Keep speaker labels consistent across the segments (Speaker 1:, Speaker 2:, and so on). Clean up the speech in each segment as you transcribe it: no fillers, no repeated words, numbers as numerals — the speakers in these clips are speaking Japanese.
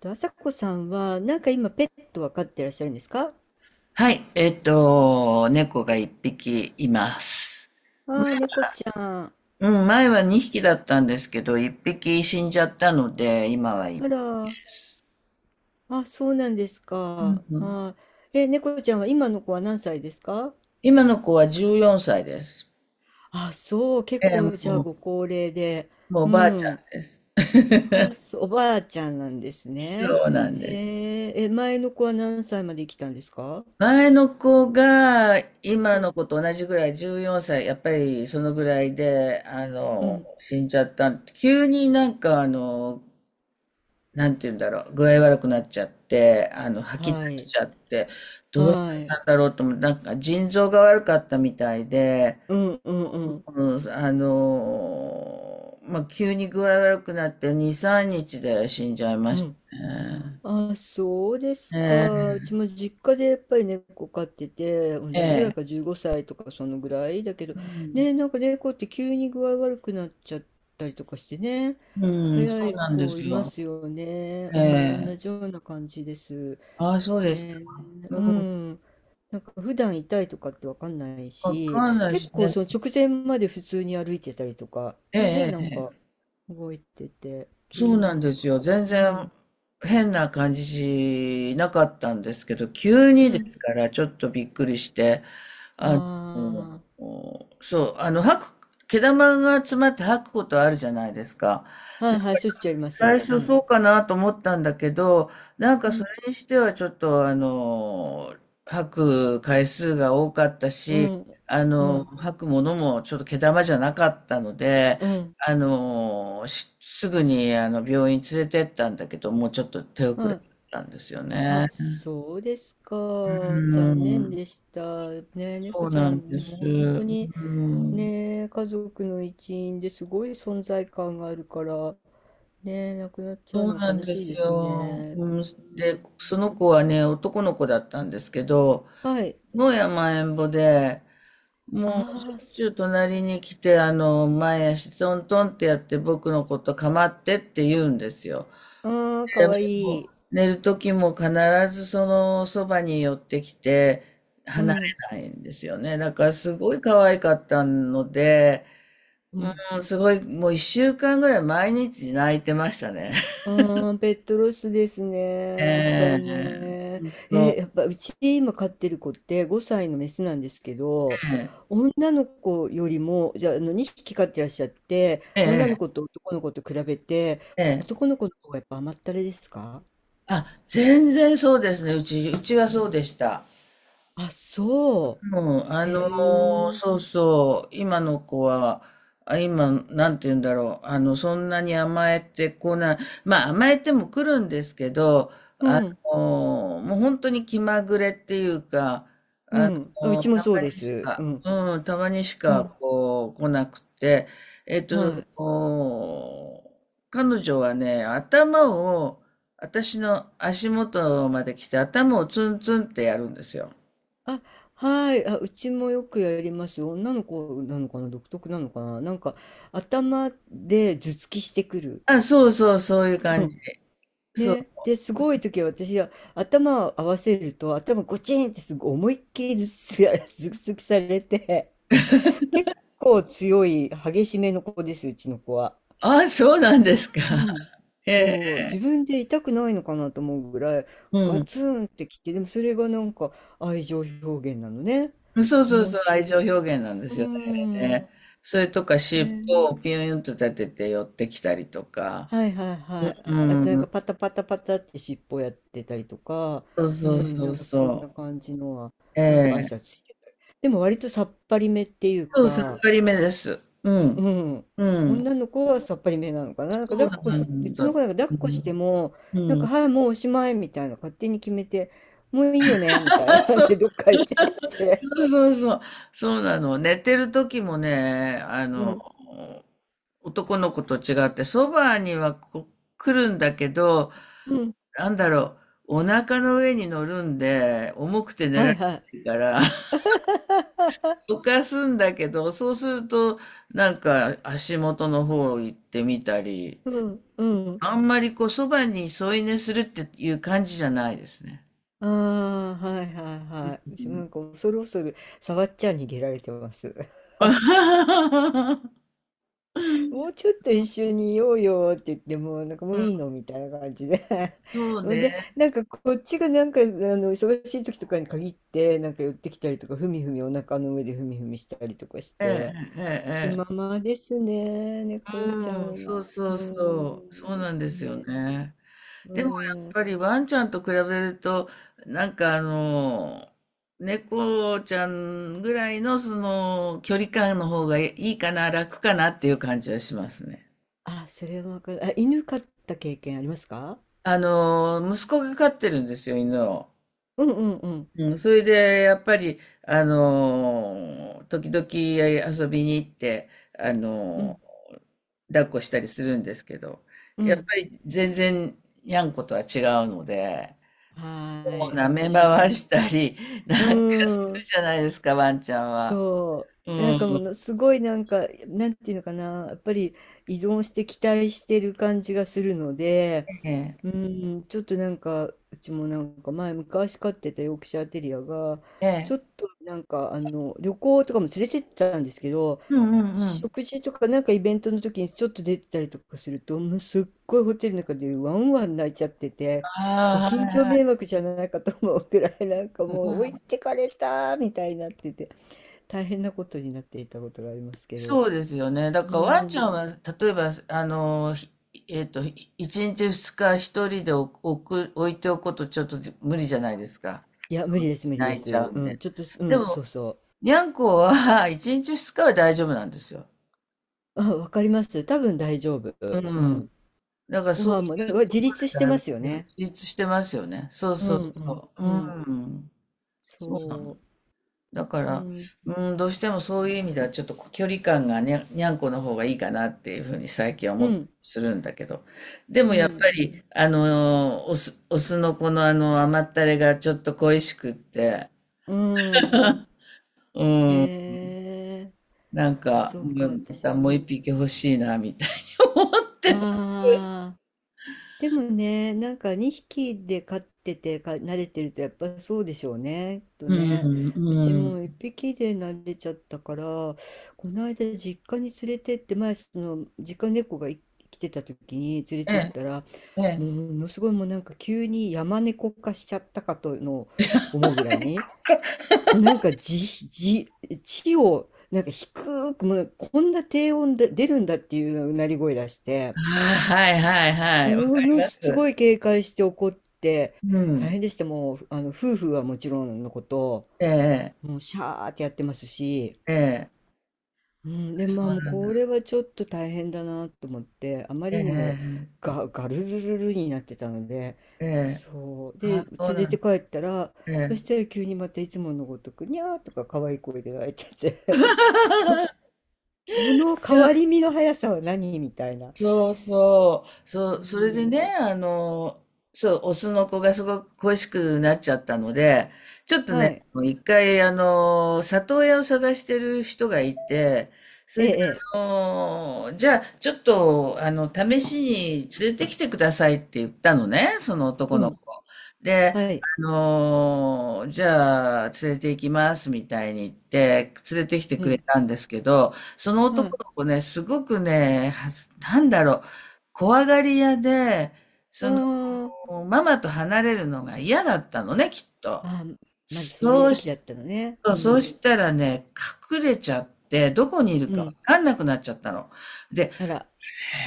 Speaker 1: と、朝子さんは、今ペットは飼ってらっしゃるんですか？
Speaker 2: はい。猫が一匹います。
Speaker 1: ああー、猫ちゃん。
Speaker 2: うん、前は二匹だったんですけど、一匹死んじゃったので、今は一
Speaker 1: あら、あ、そうなんです
Speaker 2: う
Speaker 1: か。
Speaker 2: うん、
Speaker 1: あー、え、猫ちゃんは今の子は何歳ですか？
Speaker 2: 今の子は14歳です。
Speaker 1: あ、そう、結
Speaker 2: ええ、
Speaker 1: 構じゃあ
Speaker 2: もう、
Speaker 1: ご高齢で。
Speaker 2: もうお
Speaker 1: う
Speaker 2: ばあちゃん
Speaker 1: ん。
Speaker 2: です。
Speaker 1: あ、そう、おばあちゃんなんですね。
Speaker 2: そうなん
Speaker 1: へ
Speaker 2: です。
Speaker 1: え、え、前の子は何歳まで生きたんですか？
Speaker 2: 前の子が
Speaker 1: う
Speaker 2: 今の
Speaker 1: ん。
Speaker 2: 子と同じぐらい14歳、やっぱりそのぐらいで、
Speaker 1: うん。
Speaker 2: 死んじゃった。急になんか、なんて言うんだろう、具合悪くなっちゃって、吐き出
Speaker 1: は
Speaker 2: し
Speaker 1: い。
Speaker 2: ちゃって、どうし
Speaker 1: はい。
Speaker 2: たんだろうと思って、なんか腎臓が悪かったみたいで、
Speaker 1: うんうんうん。
Speaker 2: うん、まあ、急に具合悪くなって2、3日で死んじゃいま
Speaker 1: う
Speaker 2: し
Speaker 1: ん。
Speaker 2: たね。
Speaker 1: あ、そうですか。
Speaker 2: え
Speaker 1: うちも実家でやっぱり猫飼ってて、同
Speaker 2: え、え
Speaker 1: じぐらいか
Speaker 2: え、
Speaker 1: 15歳とかそのぐらいだけど、
Speaker 2: うん、
Speaker 1: ね、猫って急に具合悪くなっちゃったりとかしてね、
Speaker 2: うん、
Speaker 1: 早
Speaker 2: そう
Speaker 1: い
Speaker 2: なんで
Speaker 1: 子
Speaker 2: す
Speaker 1: いま
Speaker 2: よ。
Speaker 1: すよね。
Speaker 2: え
Speaker 1: うん、同
Speaker 2: え、
Speaker 1: じような感じです。
Speaker 2: ああ、そうですか。
Speaker 1: ね、
Speaker 2: う
Speaker 1: う
Speaker 2: ん、
Speaker 1: ん。普段痛いとかってわかんない
Speaker 2: わ
Speaker 1: し、
Speaker 2: かんない
Speaker 1: 結
Speaker 2: し
Speaker 1: 構
Speaker 2: ね。
Speaker 1: その直前まで普通に歩いてたりとか、
Speaker 2: え
Speaker 1: ね、
Speaker 2: え、ええ。
Speaker 1: 動いてて、
Speaker 2: そ
Speaker 1: 急
Speaker 2: う
Speaker 1: に。
Speaker 2: なんですよ。全
Speaker 1: う
Speaker 2: 然
Speaker 1: ん。
Speaker 2: 変な感じしなかったんですけど、急
Speaker 1: う
Speaker 2: にで
Speaker 1: ん。
Speaker 2: すからちょっとびっくりして、うんうん
Speaker 1: あ
Speaker 2: そう、毛玉が詰まって吐くことあるじゃないですか。
Speaker 1: あ、はいはい、しょっちゅうやりま
Speaker 2: 最
Speaker 1: す。う
Speaker 2: 初
Speaker 1: ん。
Speaker 2: そうかなと思ったんだけど、なん
Speaker 1: う
Speaker 2: かそ
Speaker 1: ん。
Speaker 2: れにしてはちょっと吐く回数が多かった
Speaker 1: う
Speaker 2: し、
Speaker 1: ん。うん。
Speaker 2: 吐くものもちょっと毛玉じゃなかったので、
Speaker 1: うん。
Speaker 2: すぐに病院連れてったんだけど、もうちょっと手遅
Speaker 1: は
Speaker 2: れだっ
Speaker 1: い。
Speaker 2: たんですよね。
Speaker 1: あ、そうですか。
Speaker 2: う
Speaker 1: 残念
Speaker 2: ん、
Speaker 1: でした。ね、猫
Speaker 2: そう
Speaker 1: ち
Speaker 2: な
Speaker 1: ゃ
Speaker 2: ん
Speaker 1: ん、
Speaker 2: で
Speaker 1: で
Speaker 2: す。
Speaker 1: も本当に
Speaker 2: うん、
Speaker 1: ね、家族の一員ですごい存在感があるから、ね、亡くなっちゃう
Speaker 2: そう
Speaker 1: の
Speaker 2: なん
Speaker 1: 悲
Speaker 2: で
Speaker 1: しい
Speaker 2: す
Speaker 1: です
Speaker 2: よ。
Speaker 1: ね。
Speaker 2: うん、
Speaker 1: う
Speaker 2: で、そ
Speaker 1: ん。
Speaker 2: の子はね、男の子だったんですけど、
Speaker 1: はい。
Speaker 2: 野山えんぼで、もうし
Speaker 1: ああ、
Speaker 2: ょっ
Speaker 1: そ
Speaker 2: ちゅう隣に来て、前足トントンってやって僕のこと構ってって言うんですよ。
Speaker 1: う。ああ、か
Speaker 2: で
Speaker 1: わい
Speaker 2: も
Speaker 1: い。
Speaker 2: う寝る時も必ずそのそばに寄ってきて
Speaker 1: う
Speaker 2: 離れ
Speaker 1: ん。
Speaker 2: ないんですよね。だからすごい可愛かったので、
Speaker 1: うん。
Speaker 2: うん、すごい、もう一週間ぐらい毎日泣いてましたね。
Speaker 1: ああ、ペットロスですね。
Speaker 2: え
Speaker 1: やっぱ
Speaker 2: え、
Speaker 1: りね。
Speaker 2: そ
Speaker 1: え、
Speaker 2: う、
Speaker 1: やっぱうち今飼ってる子って5歳のメスなんですけど、
Speaker 2: ええ
Speaker 1: 女の子よりも、じゃあ、あの2匹飼ってらっしゃって、女
Speaker 2: え
Speaker 1: の
Speaker 2: え
Speaker 1: 子と男の子と比べて、
Speaker 2: ええ、
Speaker 1: 男の子の方がやっぱ甘ったれですか？
Speaker 2: あ、全然そうですね。うち、うちはそうでした。
Speaker 1: あ、そ
Speaker 2: もう、あ
Speaker 1: う。へ
Speaker 2: のー
Speaker 1: え。
Speaker 2: そうそう、今の子は、あ、今、なんて言うんだろう、そんなに甘えてこない、まあ、甘えても来るんですけど、
Speaker 1: う
Speaker 2: あ
Speaker 1: ん、
Speaker 2: もう本当に気まぐれっていうか、
Speaker 1: う
Speaker 2: あ
Speaker 1: ん。あうちも
Speaker 2: たま
Speaker 1: そうで
Speaker 2: にし
Speaker 1: す。
Speaker 2: か、
Speaker 1: うん、
Speaker 2: うん、たまにし
Speaker 1: う
Speaker 2: か、
Speaker 1: ん。
Speaker 2: こう、来なくて、えっと、
Speaker 1: はい。
Speaker 2: お彼女はね、頭を、私の足元まで来て、頭をツンツンってやるんですよ。
Speaker 1: あ、はい。あ、うちもよくやります。女の子なのかな、独特なのかな、頭で頭突きしてくる。
Speaker 2: あ、そうそう、そういう
Speaker 1: う
Speaker 2: 感じ
Speaker 1: ん。
Speaker 2: で。そう。
Speaker 1: ね。で、すごい時は私は頭を合わせると、頭ゴチンってすごい思いっきり頭突き 頭突きされて、結構強い、激しめの子です、うちの子は。
Speaker 2: あ、そうなんですか。
Speaker 1: うん。
Speaker 2: え
Speaker 1: そう。
Speaker 2: え。
Speaker 1: 自分で痛くないのかなと思うぐらい、
Speaker 2: う
Speaker 1: ガ
Speaker 2: ん。
Speaker 1: ツンってきて、でもそれが愛情表現なのね。
Speaker 2: そうそう
Speaker 1: 面
Speaker 2: そう、
Speaker 1: 白
Speaker 2: 愛
Speaker 1: い。
Speaker 2: 情表現なんで
Speaker 1: う
Speaker 2: すよね。れ
Speaker 1: ん。
Speaker 2: ねそれとか、
Speaker 1: え
Speaker 2: 尻尾
Speaker 1: ー
Speaker 2: をピューンと立てて寄ってきたりとか。
Speaker 1: はいはいはい。
Speaker 2: う
Speaker 1: あ、あと
Speaker 2: ん。
Speaker 1: パタパタパタって尻尾やってたりとか、
Speaker 2: そう
Speaker 1: う
Speaker 2: そう
Speaker 1: ん、
Speaker 2: そう
Speaker 1: そん
Speaker 2: そ
Speaker 1: な感じのは、
Speaker 2: う。え
Speaker 1: 挨
Speaker 2: え。
Speaker 1: 拶してたり。でも割とさっぱりめっていう
Speaker 2: そう、さっ
Speaker 1: か、
Speaker 2: ぱりめです。うん。
Speaker 1: うん、
Speaker 2: うん。
Speaker 1: 女の子はさっぱりめなのかな。なん
Speaker 2: そ
Speaker 1: か抱
Speaker 2: う
Speaker 1: っこ
Speaker 2: な
Speaker 1: し、う
Speaker 2: ん
Speaker 1: ちの子
Speaker 2: だ。う
Speaker 1: 抱っこして
Speaker 2: ん。
Speaker 1: も、
Speaker 2: うん。
Speaker 1: はい、もうおしまいみたいな勝手に決めて、もういいよねみたいな 感
Speaker 2: そ
Speaker 1: じ
Speaker 2: う
Speaker 1: でどっか行っちゃって。
Speaker 2: そうそうそう。そうなの。寝てる時もね、
Speaker 1: うん、
Speaker 2: 男の子と違って、そばにはこ来るんだけど、
Speaker 1: うん、
Speaker 2: なんだろう、お腹の上に乗るんで、重くて寝
Speaker 1: は
Speaker 2: ら
Speaker 1: い
Speaker 2: れ
Speaker 1: はい。
Speaker 2: ないから、どかすんだけど、そうすると、なんか足元の方行ってみたり、
Speaker 1: うん、うん。
Speaker 2: あんまりこう、そばに添い寝するっていう感じじゃないですね。
Speaker 1: ああ、はいはいはい。
Speaker 2: うん
Speaker 1: 恐る恐る触っちゃ逃げられてます。もうちょっと一緒にいようよって言っても、も
Speaker 2: う
Speaker 1: う
Speaker 2: ん
Speaker 1: いいのみたいな感じで。
Speaker 2: そう
Speaker 1: ほんで、
Speaker 2: ね。
Speaker 1: なんかこっちがあの忙しい時とかに限って、寄ってきたりとか、ふみふみお腹の上でふみふみしたりとかし
Speaker 2: え
Speaker 1: て、
Speaker 2: えええ
Speaker 1: 気
Speaker 2: え
Speaker 1: ま
Speaker 2: え。
Speaker 1: まですね、猫ちゃ
Speaker 2: うん、
Speaker 1: ん
Speaker 2: そう
Speaker 1: は。う
Speaker 2: そう
Speaker 1: ー
Speaker 2: そう。
Speaker 1: ん。
Speaker 2: そうなんですよ
Speaker 1: ね。
Speaker 2: ね。
Speaker 1: う
Speaker 2: でもやっ
Speaker 1: ーん。
Speaker 2: ぱりワンちゃんと比べると、なんか、猫ちゃんぐらいのその距離感の方がいいかな、楽かなっていう感じはしますね。
Speaker 1: あ、それはわかる。あ、犬飼った経験ありますか？
Speaker 2: 息子が飼ってるんですよ、犬を。
Speaker 1: うんうんうん。
Speaker 2: うん、それで、やっぱり、時々遊びに行って、あ
Speaker 1: うん。
Speaker 2: のー抱っこしたりするんですけど、
Speaker 1: う
Speaker 2: やっ
Speaker 1: ん。
Speaker 2: ぱり全然、にゃんことは違うので、
Speaker 1: は
Speaker 2: こ
Speaker 1: ー
Speaker 2: う
Speaker 1: い。あ
Speaker 2: 舐
Speaker 1: の
Speaker 2: め
Speaker 1: 私
Speaker 2: 回
Speaker 1: も、
Speaker 2: したり、
Speaker 1: う
Speaker 2: なんか
Speaker 1: ーん。
Speaker 2: じゃないですか、ワンちゃんは。
Speaker 1: そ
Speaker 2: う
Speaker 1: う。もの
Speaker 2: ん。
Speaker 1: すごい、なんていうのかな、やっぱり依存して期待してる感じがするので、
Speaker 2: ええ。
Speaker 1: うーん、ちょっと、うちも前昔飼ってたヨークシャーテリアが、
Speaker 2: え
Speaker 1: ちょ
Speaker 2: え。
Speaker 1: っとあの旅行とかも連れてったんですけど、
Speaker 2: うんうんうん。
Speaker 1: 食事とかイベントの時にちょっと出てたりとかすると、もうすっごいホテルの中でワンワン泣いちゃってて、ご
Speaker 2: ああ、はい
Speaker 1: 近所
Speaker 2: は
Speaker 1: 迷
Speaker 2: い。
Speaker 1: 惑じゃないかと思うくらい
Speaker 2: う
Speaker 1: もう置い
Speaker 2: ん、
Speaker 1: てかれたみたいになってて、大変なことになっていたことがありますけど。
Speaker 2: そうですよね。だ
Speaker 1: う
Speaker 2: からワンちゃん
Speaker 1: ん。
Speaker 2: は、例えば、あの、ひえっと、ひ一日二日一人で置置く、置いておくこと、ちょっと無理じゃないですか。
Speaker 1: いや、無
Speaker 2: そ
Speaker 1: 理
Speaker 2: う
Speaker 1: です、無理で
Speaker 2: 泣いちゃ
Speaker 1: す。
Speaker 2: う
Speaker 1: う
Speaker 2: んで。
Speaker 1: ん、ちょっとう
Speaker 2: で
Speaker 1: ん、そ
Speaker 2: も、
Speaker 1: うそ
Speaker 2: にゃんこは 一日二日は大丈夫なんですよ。
Speaker 1: う。あ、わかります。多分大丈夫。
Speaker 2: う
Speaker 1: う
Speaker 2: ん。
Speaker 1: ん。
Speaker 2: だから
Speaker 1: ご
Speaker 2: そうい
Speaker 1: 飯もね、
Speaker 2: う、
Speaker 1: 自立 して
Speaker 2: だい
Speaker 1: ま
Speaker 2: ぶ
Speaker 1: すよね。
Speaker 2: 自立してますよね。そう
Speaker 1: う
Speaker 2: そう
Speaker 1: ん、うん、
Speaker 2: そう。う
Speaker 1: うん。
Speaker 2: ん。そうなの。
Speaker 1: そ
Speaker 2: だか
Speaker 1: う。う
Speaker 2: ら、
Speaker 1: ん、
Speaker 2: うん、どうしてもそういう意味ではちょっと距離感がにゃ、にゃんこの方がいいかなっていうふうに最近は
Speaker 1: う
Speaker 2: 思って
Speaker 1: ん、
Speaker 2: するんだけど。で
Speaker 1: う
Speaker 2: もやっぱ
Speaker 1: ん、
Speaker 2: り、オス、オスのこの甘ったれがちょっと恋しくって、
Speaker 1: うん。
Speaker 2: うん、
Speaker 1: へえ。
Speaker 2: なん
Speaker 1: あ、
Speaker 2: か、
Speaker 1: そう
Speaker 2: う
Speaker 1: か、
Speaker 2: んま
Speaker 1: 私
Speaker 2: たもう
Speaker 1: も。
Speaker 2: 一匹欲しいな、みたいに思って
Speaker 1: ああ。でもね、なんか2匹で飼っててか慣れてるとやっぱそうでしょうね。きっと
Speaker 2: う
Speaker 1: ね。
Speaker 2: ん、
Speaker 1: うち
Speaker 2: う
Speaker 1: も1
Speaker 2: ん。
Speaker 1: 匹で慣れちゃったから、この間実家に連れてって、前その実家猫が来てた時に連れ
Speaker 2: え
Speaker 1: てっ
Speaker 2: え、
Speaker 1: たら、
Speaker 2: ええ。
Speaker 1: もうものすごい、もう急に山猫化しちゃったかとの思うぐらいに、もう地を、なんか低く、もうこんな低音で出るんだっていううなり声出して、
Speaker 2: ああ、はいはいはい。わか
Speaker 1: も
Speaker 2: り
Speaker 1: の
Speaker 2: ま
Speaker 1: す
Speaker 2: す。
Speaker 1: ごい警戒して怒って、
Speaker 2: う
Speaker 1: 大
Speaker 2: ん。
Speaker 1: 変でした。もう、あの、夫婦はもちろんのこと、
Speaker 2: ええ、
Speaker 1: もうシャーってやってますし、
Speaker 2: ええ。ええ、
Speaker 1: うん、で、
Speaker 2: そ
Speaker 1: まあ
Speaker 2: う
Speaker 1: もう
Speaker 2: なんだ。
Speaker 1: これはちょっと大変だなと思って、あま
Speaker 2: え
Speaker 1: りにも
Speaker 2: え、
Speaker 1: ガルルルルになってたので、
Speaker 2: ええ。ええ、
Speaker 1: そう。
Speaker 2: ああ、
Speaker 1: で、
Speaker 2: そう
Speaker 1: 連
Speaker 2: な
Speaker 1: れて
Speaker 2: ん、
Speaker 1: 帰ったら、
Speaker 2: え
Speaker 1: そ
Speaker 2: え。
Speaker 1: したら急にまたいつものごとく、にゃーとか可愛い声で泣いてて。その
Speaker 2: い
Speaker 1: 変
Speaker 2: や、
Speaker 1: わり身の速さは何みたいな。
Speaker 2: そうそう、そ
Speaker 1: う
Speaker 2: う、それで
Speaker 1: ん。
Speaker 2: ね、そう、オスの子がすごく恋しくなっちゃったので、ちょっと
Speaker 1: は
Speaker 2: ね、
Speaker 1: い。
Speaker 2: もう一回、里親を探してる人がいて、そ
Speaker 1: え
Speaker 2: れで、
Speaker 1: え、ええ、
Speaker 2: あじゃあ、ちょっと、試しに連れてきてくださいって言ったのね、その
Speaker 1: う
Speaker 2: 男の
Speaker 1: ん。
Speaker 2: 子。で、
Speaker 1: はい。
Speaker 2: じゃあ、連れて行きますみたいに言って、連れてきて
Speaker 1: う
Speaker 2: くれ
Speaker 1: ん。
Speaker 2: たんですけど、その
Speaker 1: は
Speaker 2: 男
Speaker 1: い。
Speaker 2: の子ね、すごくね、はずなんだろう、怖がり屋で、
Speaker 1: う
Speaker 2: その、
Speaker 1: ーん。
Speaker 2: ママと離れるのが嫌だったのね、きっと。
Speaker 1: あ、まずそういう
Speaker 2: そう
Speaker 1: 時期
Speaker 2: し
Speaker 1: だったのね。
Speaker 2: そ
Speaker 1: う
Speaker 2: うそう
Speaker 1: ん。
Speaker 2: したらね、隠れちゃって、どこにいる
Speaker 1: う
Speaker 2: かわ
Speaker 1: ん。
Speaker 2: かんなくなっちゃったの。で、
Speaker 1: あら。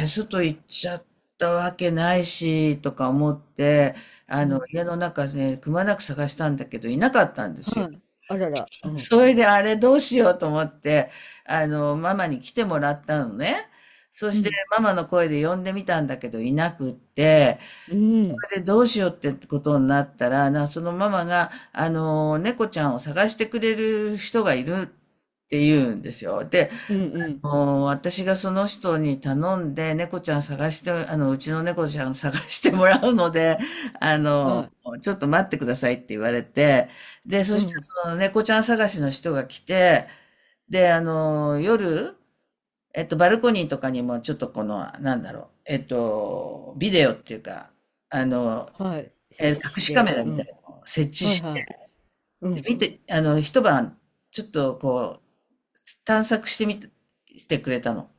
Speaker 2: 外行っちゃったわけないし、とか思って、
Speaker 1: うん。
Speaker 2: 家の中ね、くまなく探したんだけど、いなかったんですよ。
Speaker 1: はい。あらら。うん。
Speaker 2: それであれどうしようと思って、ママに来てもらったのね。そ
Speaker 1: う
Speaker 2: して
Speaker 1: ん。
Speaker 2: ママの声で呼んでみたんだけどいなくって、
Speaker 1: うん。
Speaker 2: それでどうしようってことになったら、な、そのママが、猫ちゃんを探してくれる人がいるって言うんですよ。で、
Speaker 1: うんうん。
Speaker 2: もう私がその人に頼んで、猫ちゃん探して、うちの猫ちゃん探してもらうので、あの、
Speaker 1: はい。
Speaker 2: ちょっと待ってくださいって言われて、で、そ
Speaker 1: う
Speaker 2: して
Speaker 1: ん。
Speaker 2: その猫ちゃん探しの人が来て、で、夜、バルコニーとかにもちょっとこの、なんだろう、ビデオっていうか、あの、
Speaker 1: はい。設
Speaker 2: え、
Speaker 1: 置し
Speaker 2: 隠しカメ
Speaker 1: て。
Speaker 2: ラ
Speaker 1: う
Speaker 2: みたい
Speaker 1: ん。
Speaker 2: なのを設置
Speaker 1: はい
Speaker 2: し
Speaker 1: はい。
Speaker 2: て、
Speaker 1: うん。
Speaker 2: 見て、一晩、ちょっとこう、探索してみて、してくれたの。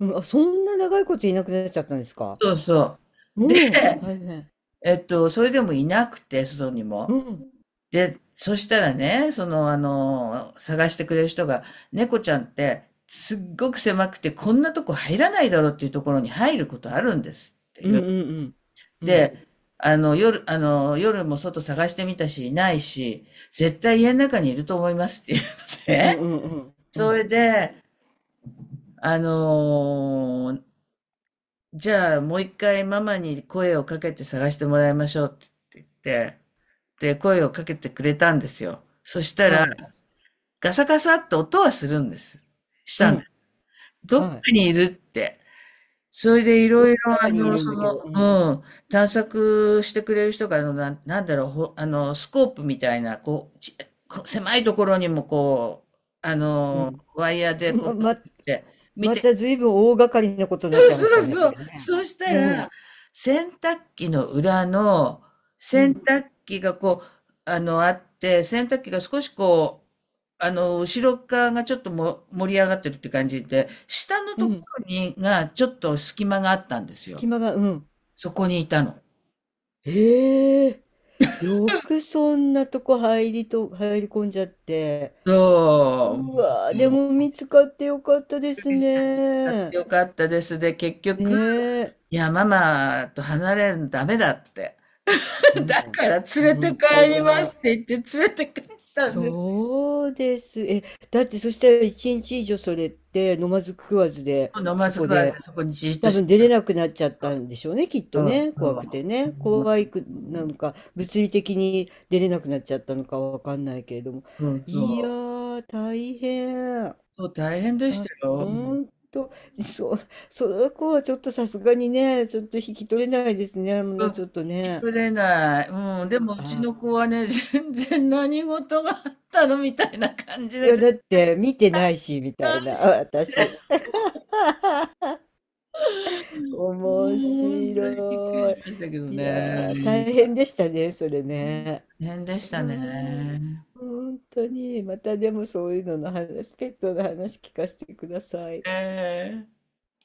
Speaker 1: うん。あ、そんな長いこといなくなっちゃったんですか。
Speaker 2: そうそう。で、
Speaker 1: もう、大変。
Speaker 2: それでもいなくて、外に
Speaker 1: う
Speaker 2: も。
Speaker 1: ん。
Speaker 2: で、そしたらね、その、探してくれる人が、猫ちゃんって、すっごく狭くて、こんなとこ入らないだろうっていうところに入ることあるんですって
Speaker 1: う
Speaker 2: い
Speaker 1: ん
Speaker 2: う。
Speaker 1: うんうん。うん。
Speaker 2: で、夜、夜も外探してみたし、いないし、絶対家の中にいると思いますっていうの
Speaker 1: うん
Speaker 2: で、
Speaker 1: うんうん。う
Speaker 2: そ
Speaker 1: ん。
Speaker 2: れで、あのじゃあもう一回ママに声をかけて探してもらいましょうって言って、で、声をかけてくれたんですよ。そしたら、
Speaker 1: はい。
Speaker 2: ガサガサって音はするんです。し
Speaker 1: う
Speaker 2: たんで
Speaker 1: ん、
Speaker 2: す。どっ
Speaker 1: は
Speaker 2: か
Speaker 1: い。
Speaker 2: にいるって。それでい
Speaker 1: どっ
Speaker 2: ろいろ、
Speaker 1: かにいるん
Speaker 2: そ
Speaker 1: だけど、
Speaker 2: の、
Speaker 1: うん、
Speaker 2: うん、探索してくれる人が、なん、なんだろう、ほ、あの、スコープみたいな、こう、ち、こう狭いところにもこう、
Speaker 1: うん。
Speaker 2: ワイヤーでこう、
Speaker 1: まま
Speaker 2: 見て、見
Speaker 1: ま
Speaker 2: て
Speaker 1: たずいぶん大掛かりなこと になっ
Speaker 2: そう
Speaker 1: ちゃいました
Speaker 2: そう
Speaker 1: ね、そ
Speaker 2: そう。
Speaker 1: れね。
Speaker 2: そうした
Speaker 1: う
Speaker 2: ら、
Speaker 1: ん、
Speaker 2: 洗濯機の裏の、
Speaker 1: う
Speaker 2: 洗
Speaker 1: ん、
Speaker 2: 濯機がこう、あって、洗濯機が少しこう、後ろ側がちょっとも盛り上がってるって感じで、下の
Speaker 1: う
Speaker 2: とこ
Speaker 1: ん。
Speaker 2: ろに、が、ちょっと隙間があったんですよ。
Speaker 1: 隙間が、うん。
Speaker 2: そこにいたの。
Speaker 1: ええ、よくそんなとこ入り込んじゃって。
Speaker 2: そ
Speaker 1: うわ
Speaker 2: う。
Speaker 1: ー、で
Speaker 2: も
Speaker 1: も
Speaker 2: う
Speaker 1: 見つかってよかったです
Speaker 2: 買って
Speaker 1: ね。
Speaker 2: よかったです。で、結
Speaker 1: ね
Speaker 2: 局、
Speaker 1: え。
Speaker 2: いや、ママと離れるのダメだって。
Speaker 1: う
Speaker 2: だ
Speaker 1: ん、
Speaker 2: から連れて
Speaker 1: 本当
Speaker 2: 帰りますっ
Speaker 1: だ。
Speaker 2: て言って連れて帰ったんです。
Speaker 1: そうです。え、だってそしたら一日以上それって飲まず食わずで、
Speaker 2: 飲ま
Speaker 1: そ
Speaker 2: ず
Speaker 1: こ
Speaker 2: 食わ
Speaker 1: で
Speaker 2: ずそこにじーっと
Speaker 1: 多
Speaker 2: して、
Speaker 1: 分出れなくなっちゃったんでしょうね、きっと
Speaker 2: そう
Speaker 1: ね、
Speaker 2: そ
Speaker 1: 怖く
Speaker 2: う。
Speaker 1: てね。怖いくなのか、物理的に出れなくなっちゃったのかわかんないけれども。
Speaker 2: うん、そう
Speaker 1: いや
Speaker 2: そう。
Speaker 1: ー、大変。
Speaker 2: そう、大変でしたよ。
Speaker 1: ほ
Speaker 2: も
Speaker 1: んと、そう、その子はちょっとさすがにね、ちょっと引き取れないですね、も
Speaker 2: う、うん、
Speaker 1: う
Speaker 2: 聞
Speaker 1: ちょっと
Speaker 2: き
Speaker 1: ね。
Speaker 2: 取れない。
Speaker 1: い
Speaker 2: うん、
Speaker 1: や
Speaker 2: で
Speaker 1: ー、
Speaker 2: もうち
Speaker 1: あ
Speaker 2: の子はね、全然何事があったのみたいな感じ
Speaker 1: ー、い
Speaker 2: で、
Speaker 1: や、
Speaker 2: 全
Speaker 1: だって見てないし、みたい
Speaker 2: 然
Speaker 1: な、
Speaker 2: し、
Speaker 1: あ私。面
Speaker 2: もう本当にびっくり
Speaker 1: 白
Speaker 2: し
Speaker 1: い。
Speaker 2: ましたけど
Speaker 1: いやー、
Speaker 2: ね。
Speaker 1: 大変でしたね、それね。
Speaker 2: 大変で
Speaker 1: う
Speaker 2: し
Speaker 1: ー
Speaker 2: た
Speaker 1: ん、
Speaker 2: ね。
Speaker 1: 本当に、またでもそういうのの話、ペットの話聞かせてください。
Speaker 2: ええ